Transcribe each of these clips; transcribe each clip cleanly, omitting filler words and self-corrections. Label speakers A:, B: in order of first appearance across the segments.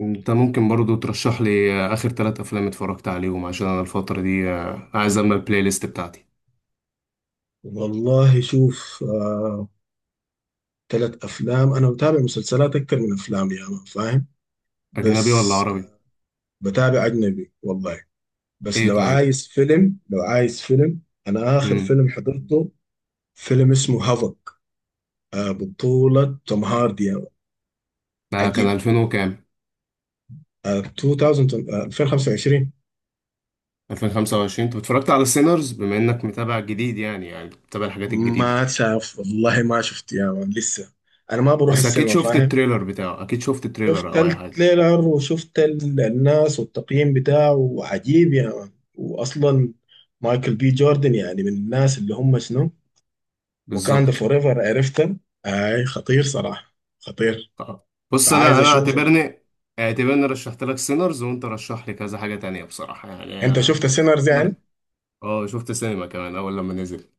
A: انت ممكن برضو ترشح لي اخر ثلاث افلام اتفرجت عليهم عشان انا الفترة دي عايز اعمل البلاي ليست بتاعتي.
B: والله شوف، تلات أفلام. أنا بتابع مسلسلات أكتر من أفلام يا ما فاهم.
A: اجنبي ولا
B: بس
A: عربي؟
B: بتابع أجنبي والله. بس
A: ايه
B: لو
A: طيب.
B: عايز فيلم لو عايز فيلم أنا آخر
A: امم.
B: فيلم حضرته فيلم اسمه هافك، بطولة توم هاردي يا مان.
A: ده كان
B: عجيب.
A: 2000 وكام؟
B: آه، 2000، 2025.
A: 2025. انت اتفرجت على سينرز؟ بما انك متابع جديد يعني بتتابع الحاجات الجديدة.
B: ما شاف والله ما شفت يا مان لسه. أنا ما بروح
A: بس اكيد
B: السينما
A: شفت
B: فاهم.
A: التريلر بتاعه، اكيد شفت التريلر
B: شفت
A: او اي حاجة.
B: التريلر وشفت الناس والتقييم بتاعه عجيب يا مان. واصلا مايكل بي جوردن يعني من الناس اللي هم شنو. وكان ده
A: بالظبط.
B: فور ايفر عرفته. اي خطير صراحه خطير.
A: بص انا
B: فعايز
A: انا
B: اشوفه.
A: اعتبرني رشحت لك سينرز، وانت رشح لي كذا حاجة تانية بصراحة يعني،
B: انت شفت
A: بس
B: سينرز يعني.
A: اه، شفت سينما كمان اول لما نزل.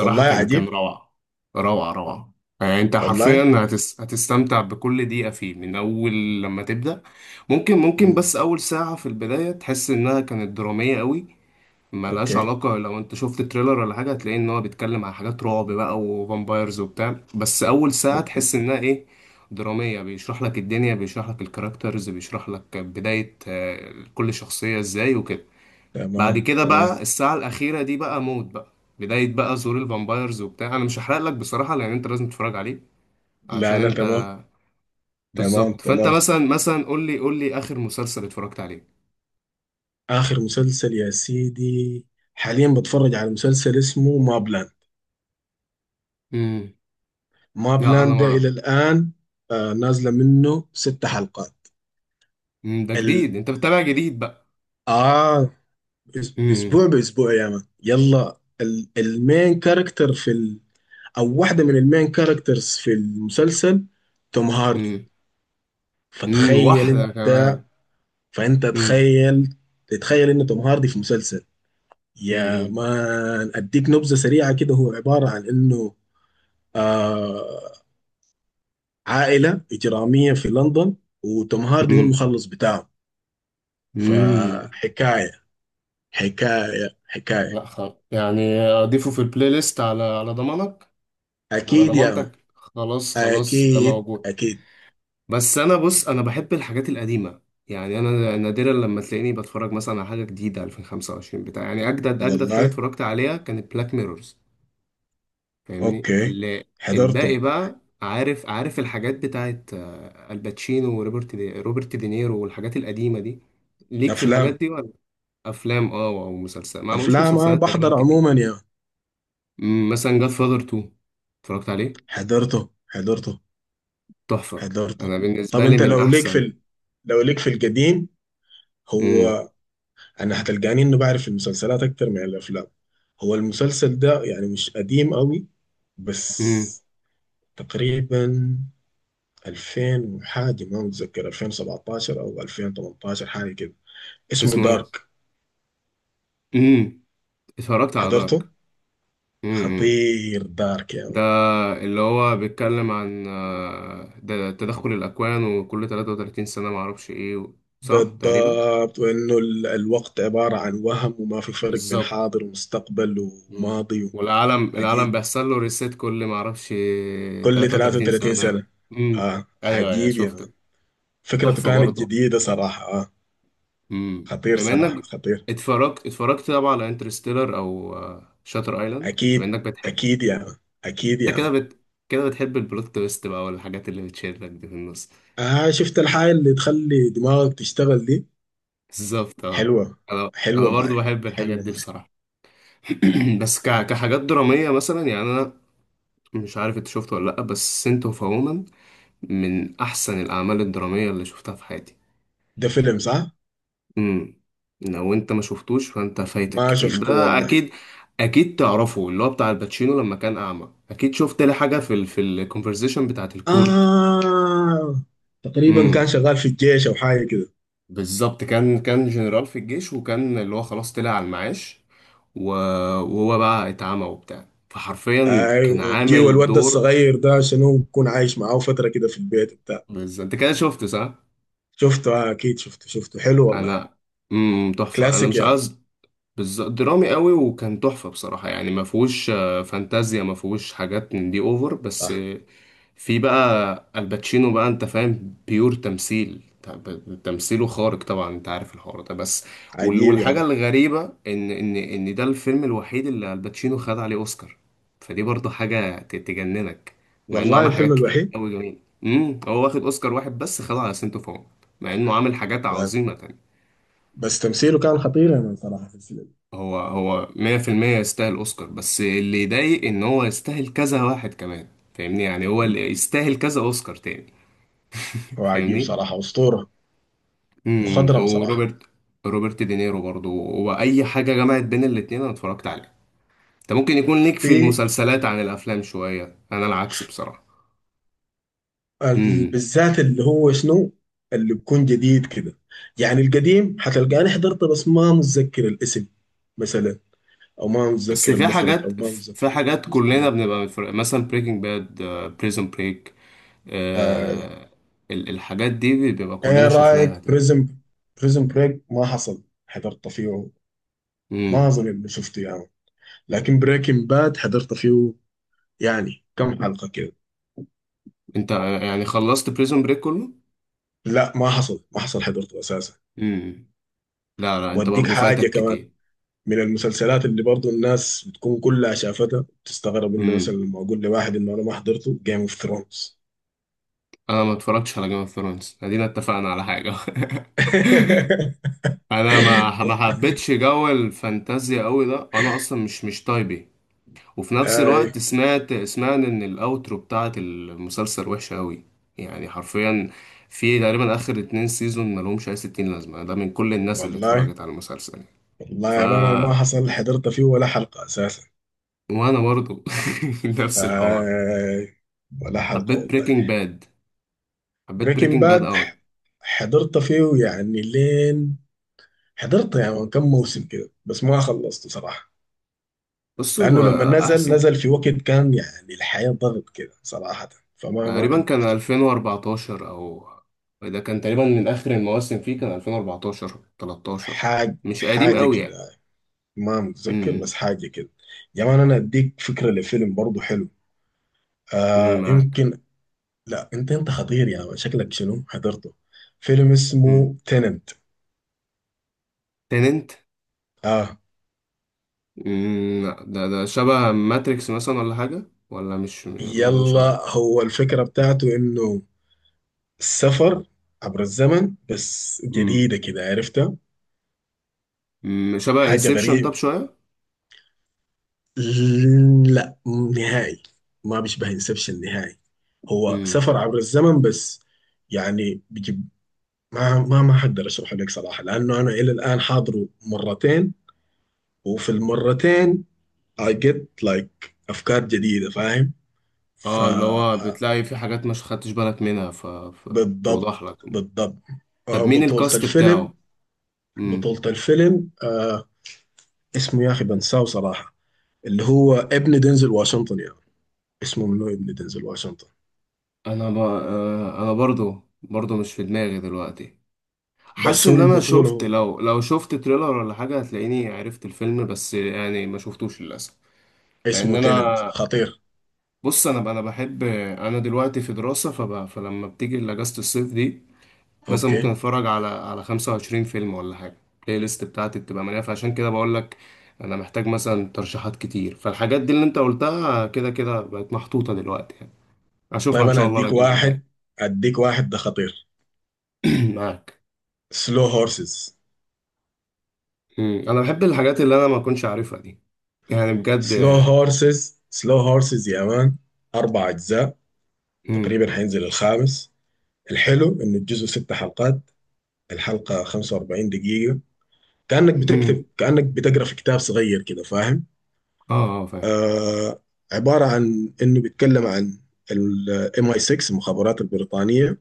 B: والله
A: كان
B: عجيب.
A: روعة. روعة روعة. يعني انت
B: والله.
A: حرفيا هتستمتع بكل دقيقة فيه من أول لما تبدأ. ممكن
B: مم.
A: بس أول ساعة في البداية تحس إنها كانت درامية قوي. ملهاش
B: اوكي،
A: علاقة، لو انت شفت تريلر ولا حاجة هتلاقي إن هو بيتكلم عن حاجات رعب بقى وفامبايرز وبتاع، بس أول ساعة
B: اوكي.
A: تحس إنها إيه، درامية، بيشرح لك الدنيا، بيشرح لك الكاركترز، بيشرح لك بداية كل شخصية إزاي وكده. بعد
B: تمام،
A: كده
B: تمام.
A: بقى الساعة الأخيرة دي بقى موت بقى، بداية بقى ظهور الفامبايرز وبتاع. أنا مش هحرق لك بصراحة، لأن أنت لازم تتفرج عليه عشان
B: لا، لا.
A: أنت،
B: تمام، تمام،
A: بالظبط. فأنت
B: تمام.
A: مثلا قول لي آخر مسلسل اتفرجت عليه.
B: اخر مسلسل يا سيدي، حاليا بتفرج على مسلسل اسمه مابلاند.
A: امم.
B: ماب
A: لا أنا
B: لاند ده
A: ما.
B: الى الان، نازله منه ست حلقات.
A: مم. ده
B: ال...
A: جديد، أنت بتتابع جديد بقى.
B: اه،
A: امم.
B: اسبوع باسبوع يا مان. يلا المين كاركتر في او واحده من المين كاركترز في المسلسل، توم هاردي.
A: امم. امم.
B: فتخيل
A: واحدة
B: انت
A: كمان.
B: فانت
A: امم.
B: تخيل تتخيل ان توم هاردي في مسلسل. يا
A: امم.
B: مان اديك نبذه سريعه كده، هو عباره عن انه آه عائله اجراميه في لندن، وتوم هاردي هو
A: امم.
B: المخلص بتاعه.
A: امم.
B: فحكاية حكاية حكاية.
A: لا خلاص، يعني أضيفه في البلاي ليست على ضمانك، على
B: أكيد يا مان.
A: ضمانتك، خلاص خلاص ده
B: أكيد،
A: موجود.
B: أكيد.
A: بس انا، بص، انا بحب الحاجات القديمه. يعني انا نادرا لما تلاقيني بتفرج مثلا على حاجه جديده 2025 بتاع، يعني اجدد حاجه
B: والله.
A: اتفرجت عليها كانت بلاك ميرورز. فاهمني
B: أوكي.
A: اللي،
B: حضرته.
A: الباقي بقى، عارف الحاجات بتاعت الباتشينو وروبرت، روبرت دينيرو، والحاجات القديمه دي. ليك في الحاجات
B: أفلام.
A: دي ولا؟ افلام، اه، او مسلسل، ما عملوش
B: أفلام أه
A: مسلسلات تقريبا
B: بحضر
A: كتير.
B: عموما يا مان.
A: مثلا جاد فاذر 2، اتفرجت عليه؟
B: حضرته، حضرته.
A: تحفه،
B: حضرته.
A: انا
B: طب
A: بالنسبه لي
B: أنت
A: من
B: لو ليك في
A: احسن.
B: القديم.
A: امم.
B: هو، أنا هتلقاني إنه بعرف المسلسلات أكتر من الأفلام. هو المسلسل ده يعني مش قديم قوي،
A: امم.
B: بس تقريبا 2000 وحاجة، ما متذكر 2017 أو 2018، حاجة كده. اسمه
A: اسمه
B: دارك.
A: ايه؟ اتفرجت على
B: حضرته.
A: دارك. امم.
B: خطير دارك يا
A: ده
B: مان.
A: اللي هو بيتكلم عن ده تدخل الأكوان، وكل 33 سنة معرفش ايه صح تقريبا.
B: بالضبط، وإنه الوقت عبارة عن وهم، وما في فرق بين
A: بالظبط.
B: حاضر ومستقبل
A: مم.
B: وماضي.
A: والعالم، العالم
B: عجيب.
A: بيحصل له ريسيت كل معرفش،
B: كل
A: 33
B: 33
A: سنة.
B: سنة.
A: امم. ايوه ايوه
B: عجيب يا مان.
A: شفته.
B: فكرته
A: تحفة
B: كانت
A: برضه.
B: جديدة صراحة.
A: امم.
B: خطير
A: بما
B: صراحة
A: انك
B: خطير.
A: اتفرجت طبعا على انترستيلر او شاتر ايلاند، بما
B: أكيد.
A: انك بتحب،
B: أكيد يا مان. أكيد
A: انت
B: يا
A: كده
B: مان.
A: كده بتحب البلوت تويست بقى، والحاجات اللي بتشدك دي في النص.
B: شفت الحاجة اللي تخلي دماغك تشتغل دي.
A: بالظبط، اه.
B: حلوة.
A: انا انا
B: حلوة
A: برضو
B: معي.
A: بحب الحاجات
B: حلوة
A: دي
B: معي.
A: بصراحه. بس كحاجات دراميه مثلا، يعني انا مش عارف انت شفته ولا لا، بس سنت اوف وومن من احسن الاعمال الدراميه اللي شفتها في حياتي.
B: ده فيلم صح؟
A: امم. لو انت ما شفتوش فانت فايتك
B: ما
A: كتير
B: شفته
A: ده،
B: والله.
A: اكيد. اكيد تعرفه، اللي هو بتاع الباتشينو لما كان اعمى، اكيد شفت لي حاجه في في الكونفرزيشن بتاعت الكورت.
B: آه تقريبا كان
A: امم.
B: شغال في الجيش أو حاجة كده.
A: بالظبط، كان جنرال في الجيش، وكان اللي هو خلاص طلع على المعاش، و- وهو بقى اتعمى وبتاع، فحرفيا
B: أي،
A: كان
B: وبجيو
A: عامل
B: الواد ده
A: دور.
B: الصغير ده شنو بكون عايش معاه فترة كده في البيت بتاع.
A: بالظبط، انت كده شفت صح.
B: شفته. أكيد شفته. شفته حلو والله.
A: انا امم. تحفه. انا
B: كلاسيك
A: مش
B: يا مان.
A: عايز. بالظبط، درامي قوي وكان تحفه بصراحه، يعني ما فيهوش فانتازيا، ما فيهوش حاجات من دي اوفر، بس
B: صح.
A: في بقى الباتشينو بقى، انت فاهم، بيور تمثيل، تمثيله خارق طبعا، انت عارف الحوار ده، بس
B: عجيب يا
A: والحاجة
B: مان.
A: الغريبة ان، ان ده الفيلم الوحيد اللي الباتشينو خد عليه اوسكار، فدي برضه حاجة تجننك، مع انه
B: والله
A: عمل
B: الفيلم
A: حاجات كتير
B: الوحيد.
A: قوي. جميل. امم. هو واخد اوسكار واحد بس، خده على سنتو فوم، مع انه عامل حاجات
B: آه.
A: عظيمة تانية.
B: بس تمثيله كان خطير يا مان صراحة في الفيلم.
A: هو 100% يستاهل اوسكار، بس اللي يضايق ان هو يستاهل كذا واحد كمان. فاهمني، يعني هو اللي يستاهل كذا اوسكار تاني.
B: هو عجيب
A: فاهمني.
B: صراحة، أسطورة.
A: امم.
B: مخضرم صراحة.
A: وروبرت، روبرت دينيرو برضو، واي حاجه جمعت بين الاتنين انا اتفرجت عليها. انت ممكن يكون ليك في
B: في
A: المسلسلات عن الافلام شويه، انا العكس بصراحه. امم.
B: بالذات اللي هو شنو، اللي بيكون جديد كده. يعني القديم حتلقاني حضرته بس ما متذكر الاسم مثلا، او ما
A: بس
B: متذكر
A: في
B: المخرج، او
A: حاجات
B: ما
A: في
B: متذكر
A: حاجات كلنا
B: الممثلين.
A: بنبقى متفرق. مثلا بريكنج باد، بريزون بريك،
B: هاي.
A: الحاجات دي بيبقى كلنا
B: ايه
A: شفناها
B: رايك
A: تقريبا.
B: بريزم؟ بريك ما حصل حضرت فيه. ما
A: امم.
B: اظن اني شفته يعني. لكن بريكنج باد حضرت فيه، يعني كم حلقة كده.
A: انت يعني خلصت بريزون بريك كله؟
B: لا، ما حصل حضرته اساسا.
A: امم. لا لا، انت
B: واديك
A: برضو
B: حاجة
A: فايتك
B: كمان
A: كتير.
B: من المسلسلات اللي برضو الناس بتكون كلها شافتها، تستغرب انه مثلا
A: امم.
B: لما اقول لواحد انه انا ما حضرته جيم اوف ثرونز.
A: انا ما اتفرجتش على جيم اوف ثرونز، ادينا اتفقنا على حاجه. انا ما حبيتش جو الفانتازيا قوي ده، انا اصلا مش طيبي. وفي نفس الوقت
B: هاي.
A: سمعت ان الاوترو بتاعت المسلسل وحشه قوي، يعني حرفيا في تقريبا اخر اتنين سيزون ملهمش اي ستين لازمه ده، من كل الناس اللي
B: والله.
A: اتفرجت على المسلسل يعني.
B: والله
A: ف
B: يا مان، انا ما حصل حضرت فيه ولا حلقة اساسا.
A: وانا برضو، نفس الحوار.
B: هاي. ولا حلقة
A: حبيت
B: والله.
A: بريكنج باد، حبيت
B: بريكنج
A: بريكنج باد
B: باد
A: قوي.
B: حضرت فيه يعني لين. حضرت يعني كم موسم كده بس ما خلصته صراحة.
A: بص هو
B: لأنه لما نزل،
A: احسن.
B: نزل في وقت كان يعني الحياة ضغط كده صراحة. فما ما
A: تقريبا كان
B: كملت.
A: 2014 او، ده كان تقريبا من اخر المواسم فيه، كان 2014، 13،
B: حاجة،
A: مش قديم
B: حاجة
A: قوي
B: كده،
A: يعني.
B: ما متذكر
A: امم.
B: بس حاجة كده. يا مان أنا أديك فكرة لفيلم برضه حلو.
A: أمم، معاك.
B: يمكن. لا، أنت خطير يا مان. شكلك شنو حضرته. فيلم
A: امم.
B: اسمه تيننت
A: تننت.
B: آه
A: امم. لا، ده شبه ماتريكس مثلا ولا حاجه، ولا مش م- ملوش علاقه.
B: يلا هو الفكرة بتاعته إنه السفر عبر الزمن، بس
A: امم.
B: جديدة كده عرفتها،
A: أمم، شبه
B: حاجة
A: انسبشن طب
B: غريبة.
A: شويه.
B: لا، نهائي. ما بيشبه انسبشن نهائي. هو
A: امم.
B: سفر عبر الزمن بس. يعني ما حقدر اشرح لك صراحه، لانه انا الى الان حاضره مرتين. وفي المرتين I get like افكار جديده فاهم. ف
A: اه، اللي هو بتلاقي في حاجات مش خدتش بالك منها
B: بالضبط.
A: فتوضح لك.
B: بالضبط.
A: طب مين
B: بطولة
A: الكاست
B: الفيلم.
A: بتاعه؟ امم.
B: بطولة الفيلم، اسمه يا اخي بنساه صراحه. اللي هو ابن دينزل واشنطن يعني. اسمه منو ابن دينزل واشنطن.
A: انا ب... آه، انا برضو مش في دماغي دلوقتي. حاسس
B: بس هو
A: ان انا
B: البطولة
A: شفت،
B: هو.
A: لو شفت تريلر ولا حاجه هتلاقيني عرفت الفيلم، بس يعني ما شفتوش للاسف. لان
B: اسمه تيننت
A: انا،
B: خطير.
A: بص انا بحب، انا دلوقتي في دراسه فلما بتيجي اجازه الصيف دي، مثلا ممكن
B: اوكي.
A: اتفرج على 25 فيلم ولا حاجه، البلاي ليست بتاعتي بتبقى مليانه، فعشان كده بقول لك انا محتاج مثلا ترشيحات كتير، فالحاجات دي اللي انت قلتها كده بقت محطوطه دلوقتي يعني. اشوفها
B: طيب
A: ان
B: انا
A: شاء الله
B: اديك
A: الاجازه الجايه.
B: واحد. ده خطير.
A: معاك.
B: سلو هورسز.
A: مم. انا بحب الحاجات اللي انا ما كنتش عارفها دي، يعني بجد.
B: سلو هورسز يا مان. أربع أجزاء، تقريبا حينزل الخامس. الحلو إنه الجزء ست حلقات، الحلقة 45 دقيقة. كأنك
A: امم.
B: بتكتب، كأنك بتقرأ في كتاب صغير كده فاهم.
A: اه اه، فاهم.
B: آه عبارة عن إنه بيتكلم عن الام اي 6، المخابرات البريطانية.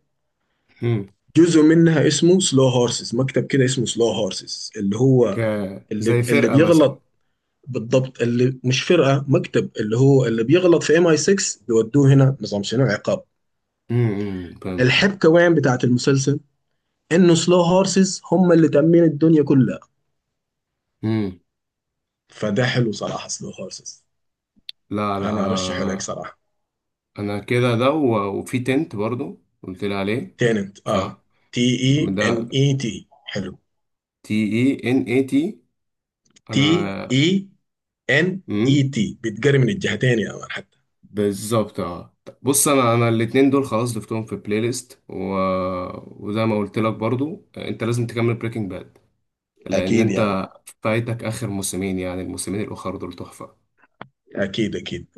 A: امم.
B: جزء منها اسمه سلو هورسز، مكتب كده اسمه سلو هورسز، اللي
A: ك
B: هو اللي
A: زي
B: اللي
A: فرقة مثلا.
B: بيغلط. بالضبط. اللي مش فرقة، مكتب، اللي هو اللي بيغلط في ام اي 6، بيودوه هنا نظام شنو عقاب.
A: امم. فهمت.
B: الحب كمان بتاعت المسلسل انه سلو هورسز هم اللي تأمين الدنيا كلها.
A: امم.
B: فده حلو صراحة، سلو هورسز.
A: لا لا،
B: أنا
A: انا،
B: أرشحه لك صراحة.
A: انا كده، ده وفي تنت برضو قلت لي عليه،
B: تيننت،
A: صح.
B: تي إي
A: ده
B: إن إي تي حلو.
A: تي اي ان اي تي.
B: تي
A: انا،
B: إي إن
A: امم،
B: إي تي بتقري من الجهتين يا مان حتى.
A: بالظبط، اه. بص انا الاتنين دول خلاص ضفتهم في بلاي ليست وزي ما قلت لك برضو، انت لازم تكمل بريكنج باد، لان
B: أكيد يا مان.
A: انت فايتك اخر موسمين، يعني الموسمين الاخر دول تحفة.
B: أكيد، أكيد.